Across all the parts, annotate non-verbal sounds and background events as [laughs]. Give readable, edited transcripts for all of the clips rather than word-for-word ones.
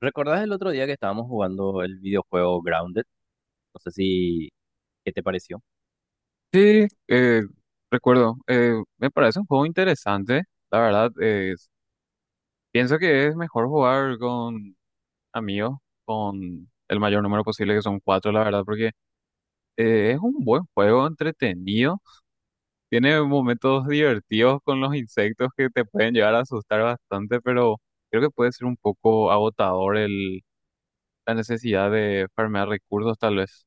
¿Recordás el otro día que estábamos jugando el videojuego Grounded? No sé si, ¿qué te pareció? Sí, recuerdo, me parece un juego interesante, la verdad, pienso que es mejor jugar con amigos, con el mayor número posible, que son cuatro, la verdad, porque es un buen juego, entretenido, tiene momentos divertidos con los insectos que te pueden llegar a asustar bastante, pero creo que puede ser un poco agotador la necesidad de farmear recursos, tal vez.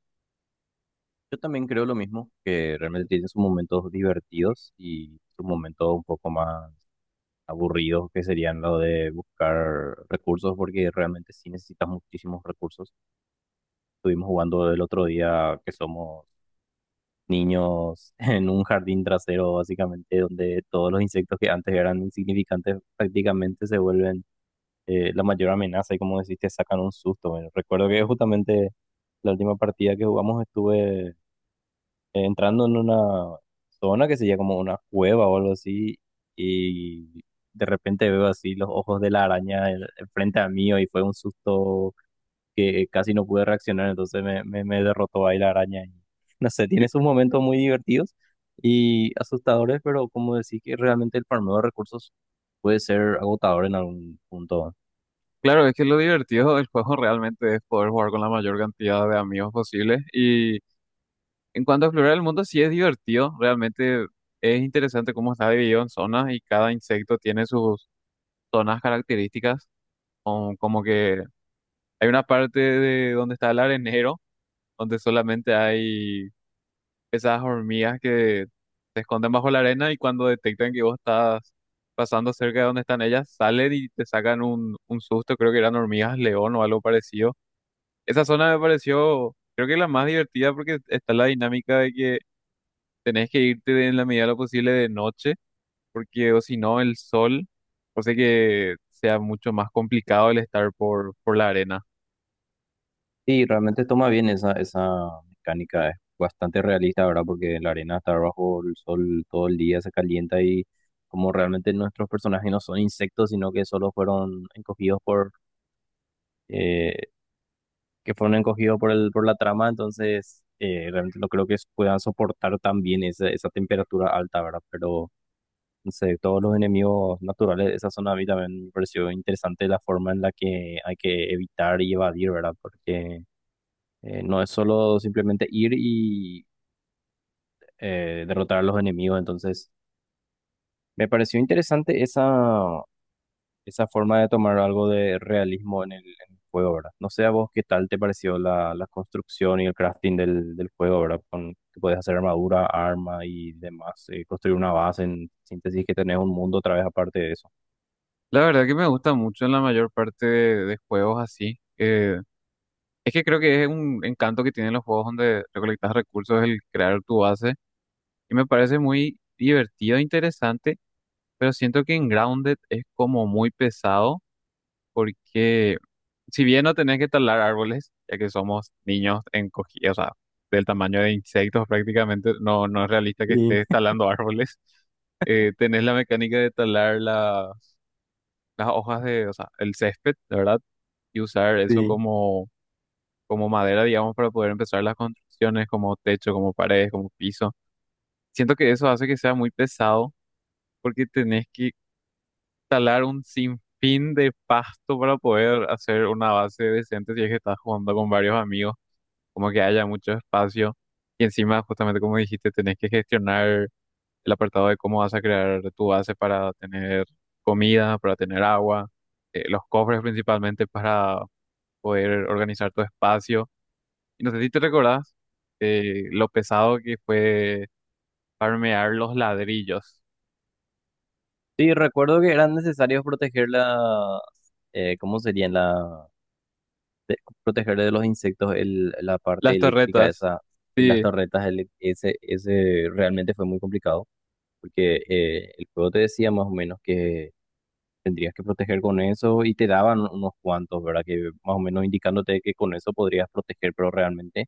Yo también creo lo mismo, que realmente tiene sus momentos divertidos y sus momentos un poco más aburridos, que serían lo de buscar recursos, porque realmente sí necesitas muchísimos recursos. Estuvimos jugando el otro día que somos niños [laughs] en un jardín trasero, básicamente, donde todos los insectos que antes eran insignificantes prácticamente se vuelven la mayor amenaza y, como decís, te sacan un susto. Bueno, recuerdo que justamente la última partida que jugamos estuve entrando en una zona que sería como una cueva o algo así y de repente veo así los ojos de la araña en- frente a mí y fue un susto que casi no pude reaccionar, entonces me derrotó ahí la araña. Y no sé, Y tiene sus momentos muy divertidos y asustadores, pero, como decís, que realmente el farmeo de recursos puede ser agotador en algún punto. Claro, es que lo divertido del juego realmente es poder jugar con la mayor cantidad de amigos posible y en cuanto a explorar el mundo, sí es divertido, realmente es interesante cómo está dividido en zonas y cada insecto tiene sus zonas características, como que hay una parte de donde está el arenero, donde solamente hay esas hormigas que se esconden bajo la arena y cuando detectan que vos estás pasando cerca de donde están ellas, salen y te sacan un susto, creo que eran hormigas león o algo parecido. Esa zona me pareció, creo que la más divertida porque está la dinámica de que tenés que irte en la medida de lo posible de noche, porque o si no, el sol hace que sea mucho más complicado el estar por la arena. Sí, realmente toma bien esa mecánica, es bastante realista, ¿verdad? Porque la arena está bajo el sol todo el día, se calienta y, como realmente nuestros personajes no son insectos, sino que solo fueron encogidos por, eh, que fueron encogidos por la trama, entonces realmente no creo que puedan soportar tan bien esa temperatura alta, ¿verdad? Pero no sé, todos los enemigos naturales de esa zona, a mí también me pareció interesante la forma en la que hay que evitar y evadir, ¿verdad? Porque no es solo simplemente ir y derrotar a los enemigos. Entonces, me pareció interesante esa forma de tomar algo de realismo en el juego, ¿verdad? No sé a vos qué tal te pareció la construcción y el crafting del juego, ¿verdad? Con que puedes hacer armadura, arma y demás, construir una base, en síntesis, que tenés un mundo otra vez aparte de eso. La verdad que me gusta mucho en la mayor parte de juegos así. Es que creo que es un encanto que tienen los juegos donde recolectas recursos, el crear tu base, y me parece muy divertido e interesante, pero siento que en Grounded es como muy pesado, porque si bien no tenés que talar árboles, ya que somos niños o sea, del tamaño de insectos prácticamente, no, no es realista que Sí, estés talando [laughs] árboles. Tenés la mecánica de talar las hojas de, o sea, el césped, la verdad, y usar eso sí. como, como madera, digamos, para poder empezar las construcciones, como techo, como paredes, como piso. Siento que eso hace que sea muy pesado, porque tenés que talar un sinfín de pasto para poder hacer una base decente si es que estás jugando con varios amigos, como que haya mucho espacio y encima, justamente como dijiste, tenés que gestionar el apartado de cómo vas a crear tu base para tener comida, para tener agua, los cofres principalmente para poder organizar tu espacio. Y no sé si te recordás lo pesado que fue farmear los ladrillos, Sí, recuerdo que eran necesarios proteger la, ¿cómo serían? La de- protegerle de los insectos la parte las eléctrica torretas. esa de las Sí, torretas, ese realmente fue muy complicado, porque el juego te decía más o menos que tendrías que proteger con eso y te daban unos cuantos, ¿verdad? Que más o menos indicándote que con eso podrías proteger, pero realmente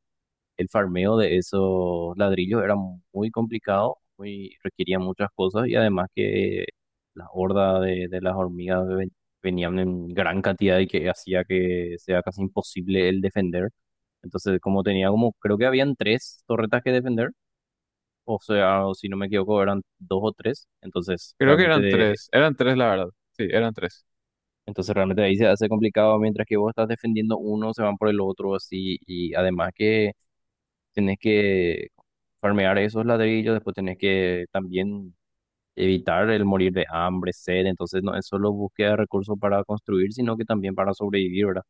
el farmeo de esos ladrillos era muy complicado, muy, requería muchas cosas, y además que la horda de las hormigas venían en gran cantidad y que hacía que sea casi imposible el defender. Entonces, como tenía como, creo que habían tres torretas que defender, o sea, o si no me equivoco, eran dos o tres, creo que eran tres la verdad, sí, eran tres. entonces realmente ahí se hace complicado mientras que vos estás defendiendo uno, se van por el otro así, y además que tenés que farmear esos ladrillos, después tenés que también evitar el morir de hambre, sed; entonces no es solo búsqueda de recursos para construir, sino que también para sobrevivir, ¿verdad?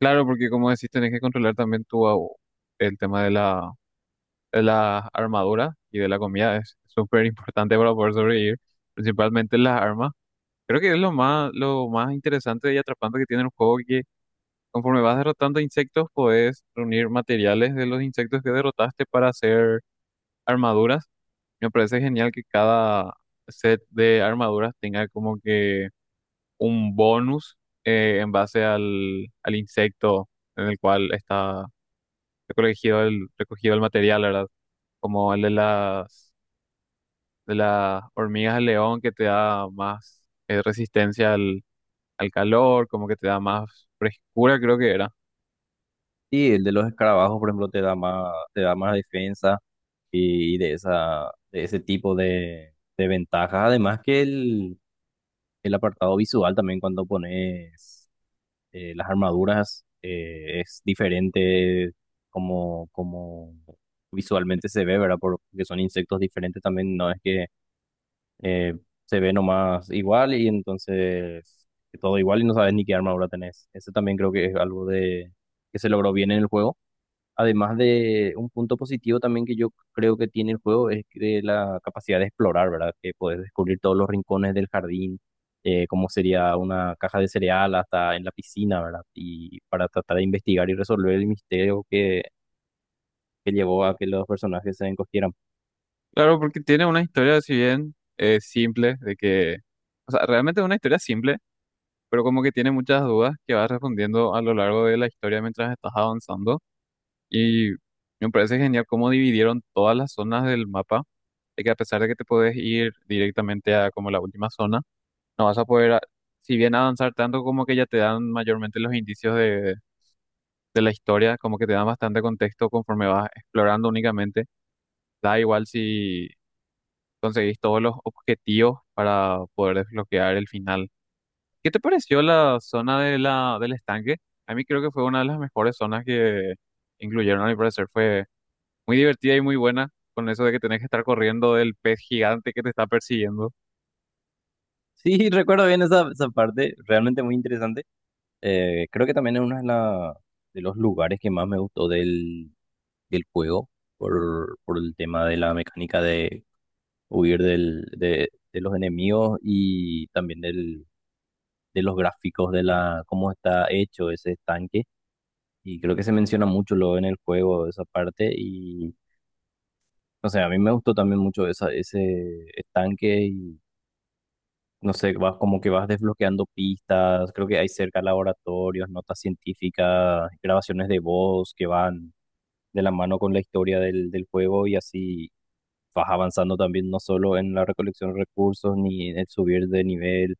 Claro, porque como decís, tenés que controlar también el tema de la armadura y de la comida es súper importante para poder sobrevivir, principalmente las armas. Creo que es lo más interesante y atrapante que tiene el juego, que conforme vas derrotando insectos, podés reunir materiales de los insectos que derrotaste para hacer armaduras. Me parece genial que cada set de armaduras tenga como que un bonus en base al insecto en el cual está recogido el material, ¿verdad? Como el de las hormigas de león que te da más resistencia al calor, como que te da más frescura, creo que era. Y el de los escarabajos, por ejemplo, te da más, defensa, y de esa, de ese tipo de ventajas, además que el apartado visual también, cuando pones las armaduras, es diferente como visualmente se ve, ¿verdad? Porque son insectos diferentes también, no es que eh, se ve nomás igual y entonces todo igual y no sabes ni qué armadura tenés. Eso también creo que es algo de que se logró bien en el juego. Además, de un punto positivo también que yo creo que tiene el juego es de la capacidad de explorar, ¿verdad? Que puedes descubrir todos los rincones del jardín, como sería una caja de cereal hasta en la piscina, ¿verdad? Y para tratar de investigar y resolver el misterio que llevó a que los personajes se encogieran. Claro, porque tiene una historia, si bien simple, de que, o sea, realmente es una historia simple, pero como que tiene muchas dudas que vas respondiendo a lo largo de la historia mientras estás avanzando. Y me parece genial cómo dividieron todas las zonas del mapa, de que a pesar de que te puedes ir directamente a como la última zona, no vas a poder, si bien avanzar tanto, como que ya te dan mayormente los indicios de la historia, como que te dan bastante contexto conforme vas explorando únicamente. Da igual si conseguís todos los objetivos para poder desbloquear el final. ¿Qué te pareció la zona de del estanque? A mí creo que fue una de las mejores zonas que incluyeron, a mi parecer. Fue muy divertida y muy buena con eso de que tenés que estar corriendo del pez gigante que te está persiguiendo. Sí, [laughs] recuerdo bien esa, esa parte, realmente muy interesante. Creo que también es uno de los lugares que más me gustó del juego, por el tema de la mecánica de huir de los enemigos, y también de los gráficos cómo está hecho ese estanque. Y creo que se menciona mucho luego en el juego esa parte y no sé, a mí me gustó también mucho esa, ese estanque y no sé, vas como que vas desbloqueando pistas, creo que hay cerca laboratorios, notas científicas, grabaciones de voz que van de la mano con la historia del juego, y así vas avanzando también no solo en la recolección de recursos ni en el subir de nivel,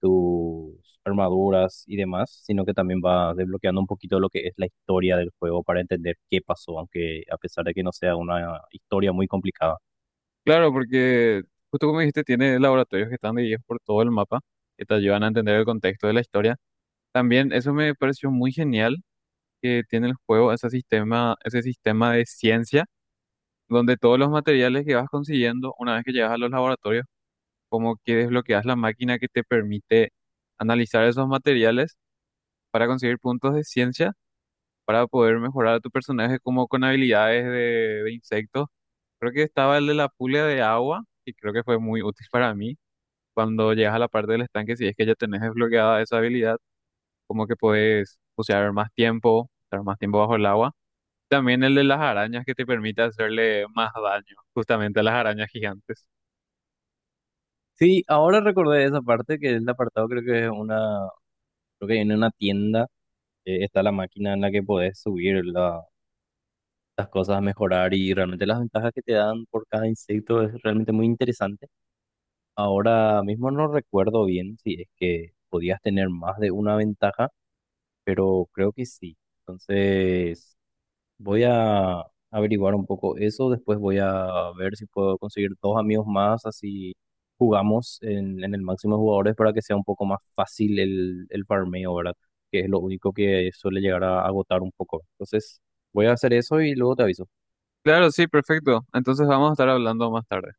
tus armaduras y demás, sino que también va desbloqueando un poquito lo que es la historia del juego para entender qué pasó, aunque a pesar de que no sea una historia muy complicada. Claro, porque justo como dijiste, tiene laboratorios que están divididos por todo el mapa, que te ayudan a entender el contexto de la historia. También eso me pareció muy genial que tiene el juego ese sistema de ciencia, donde todos los materiales que vas consiguiendo, una vez que llegas a los laboratorios, como que desbloqueas la máquina que te permite analizar esos materiales para conseguir puntos de ciencia, para poder mejorar a tu personaje como con habilidades de insectos. Creo que estaba el de la pulga de agua, y creo que fue muy útil para mí. Cuando llegas a la parte del estanque, si es que ya tenés desbloqueada esa habilidad, como que puedes bucear más tiempo, estar más tiempo bajo el agua. También el de las arañas que te permite hacerle más daño justamente a las arañas gigantes. Sí, ahora recordé esa parte que es el apartado, creo que en una tienda está la máquina en la que podés subir las cosas a mejorar, y realmente las ventajas que te dan por cada insecto es realmente muy interesante. Ahora mismo no recuerdo bien si es que podías tener más de una ventaja, pero creo que sí. Entonces, voy a averiguar un poco eso. Después voy a ver si puedo conseguir dos amigos más, así jugamos en el máximo de jugadores para que sea un poco más fácil el farmeo, ¿verdad? Que es lo único que suele llegar a agotar un poco. Entonces, voy a hacer eso y luego te aviso. Claro, sí, perfecto. Entonces vamos a estar hablando más tarde.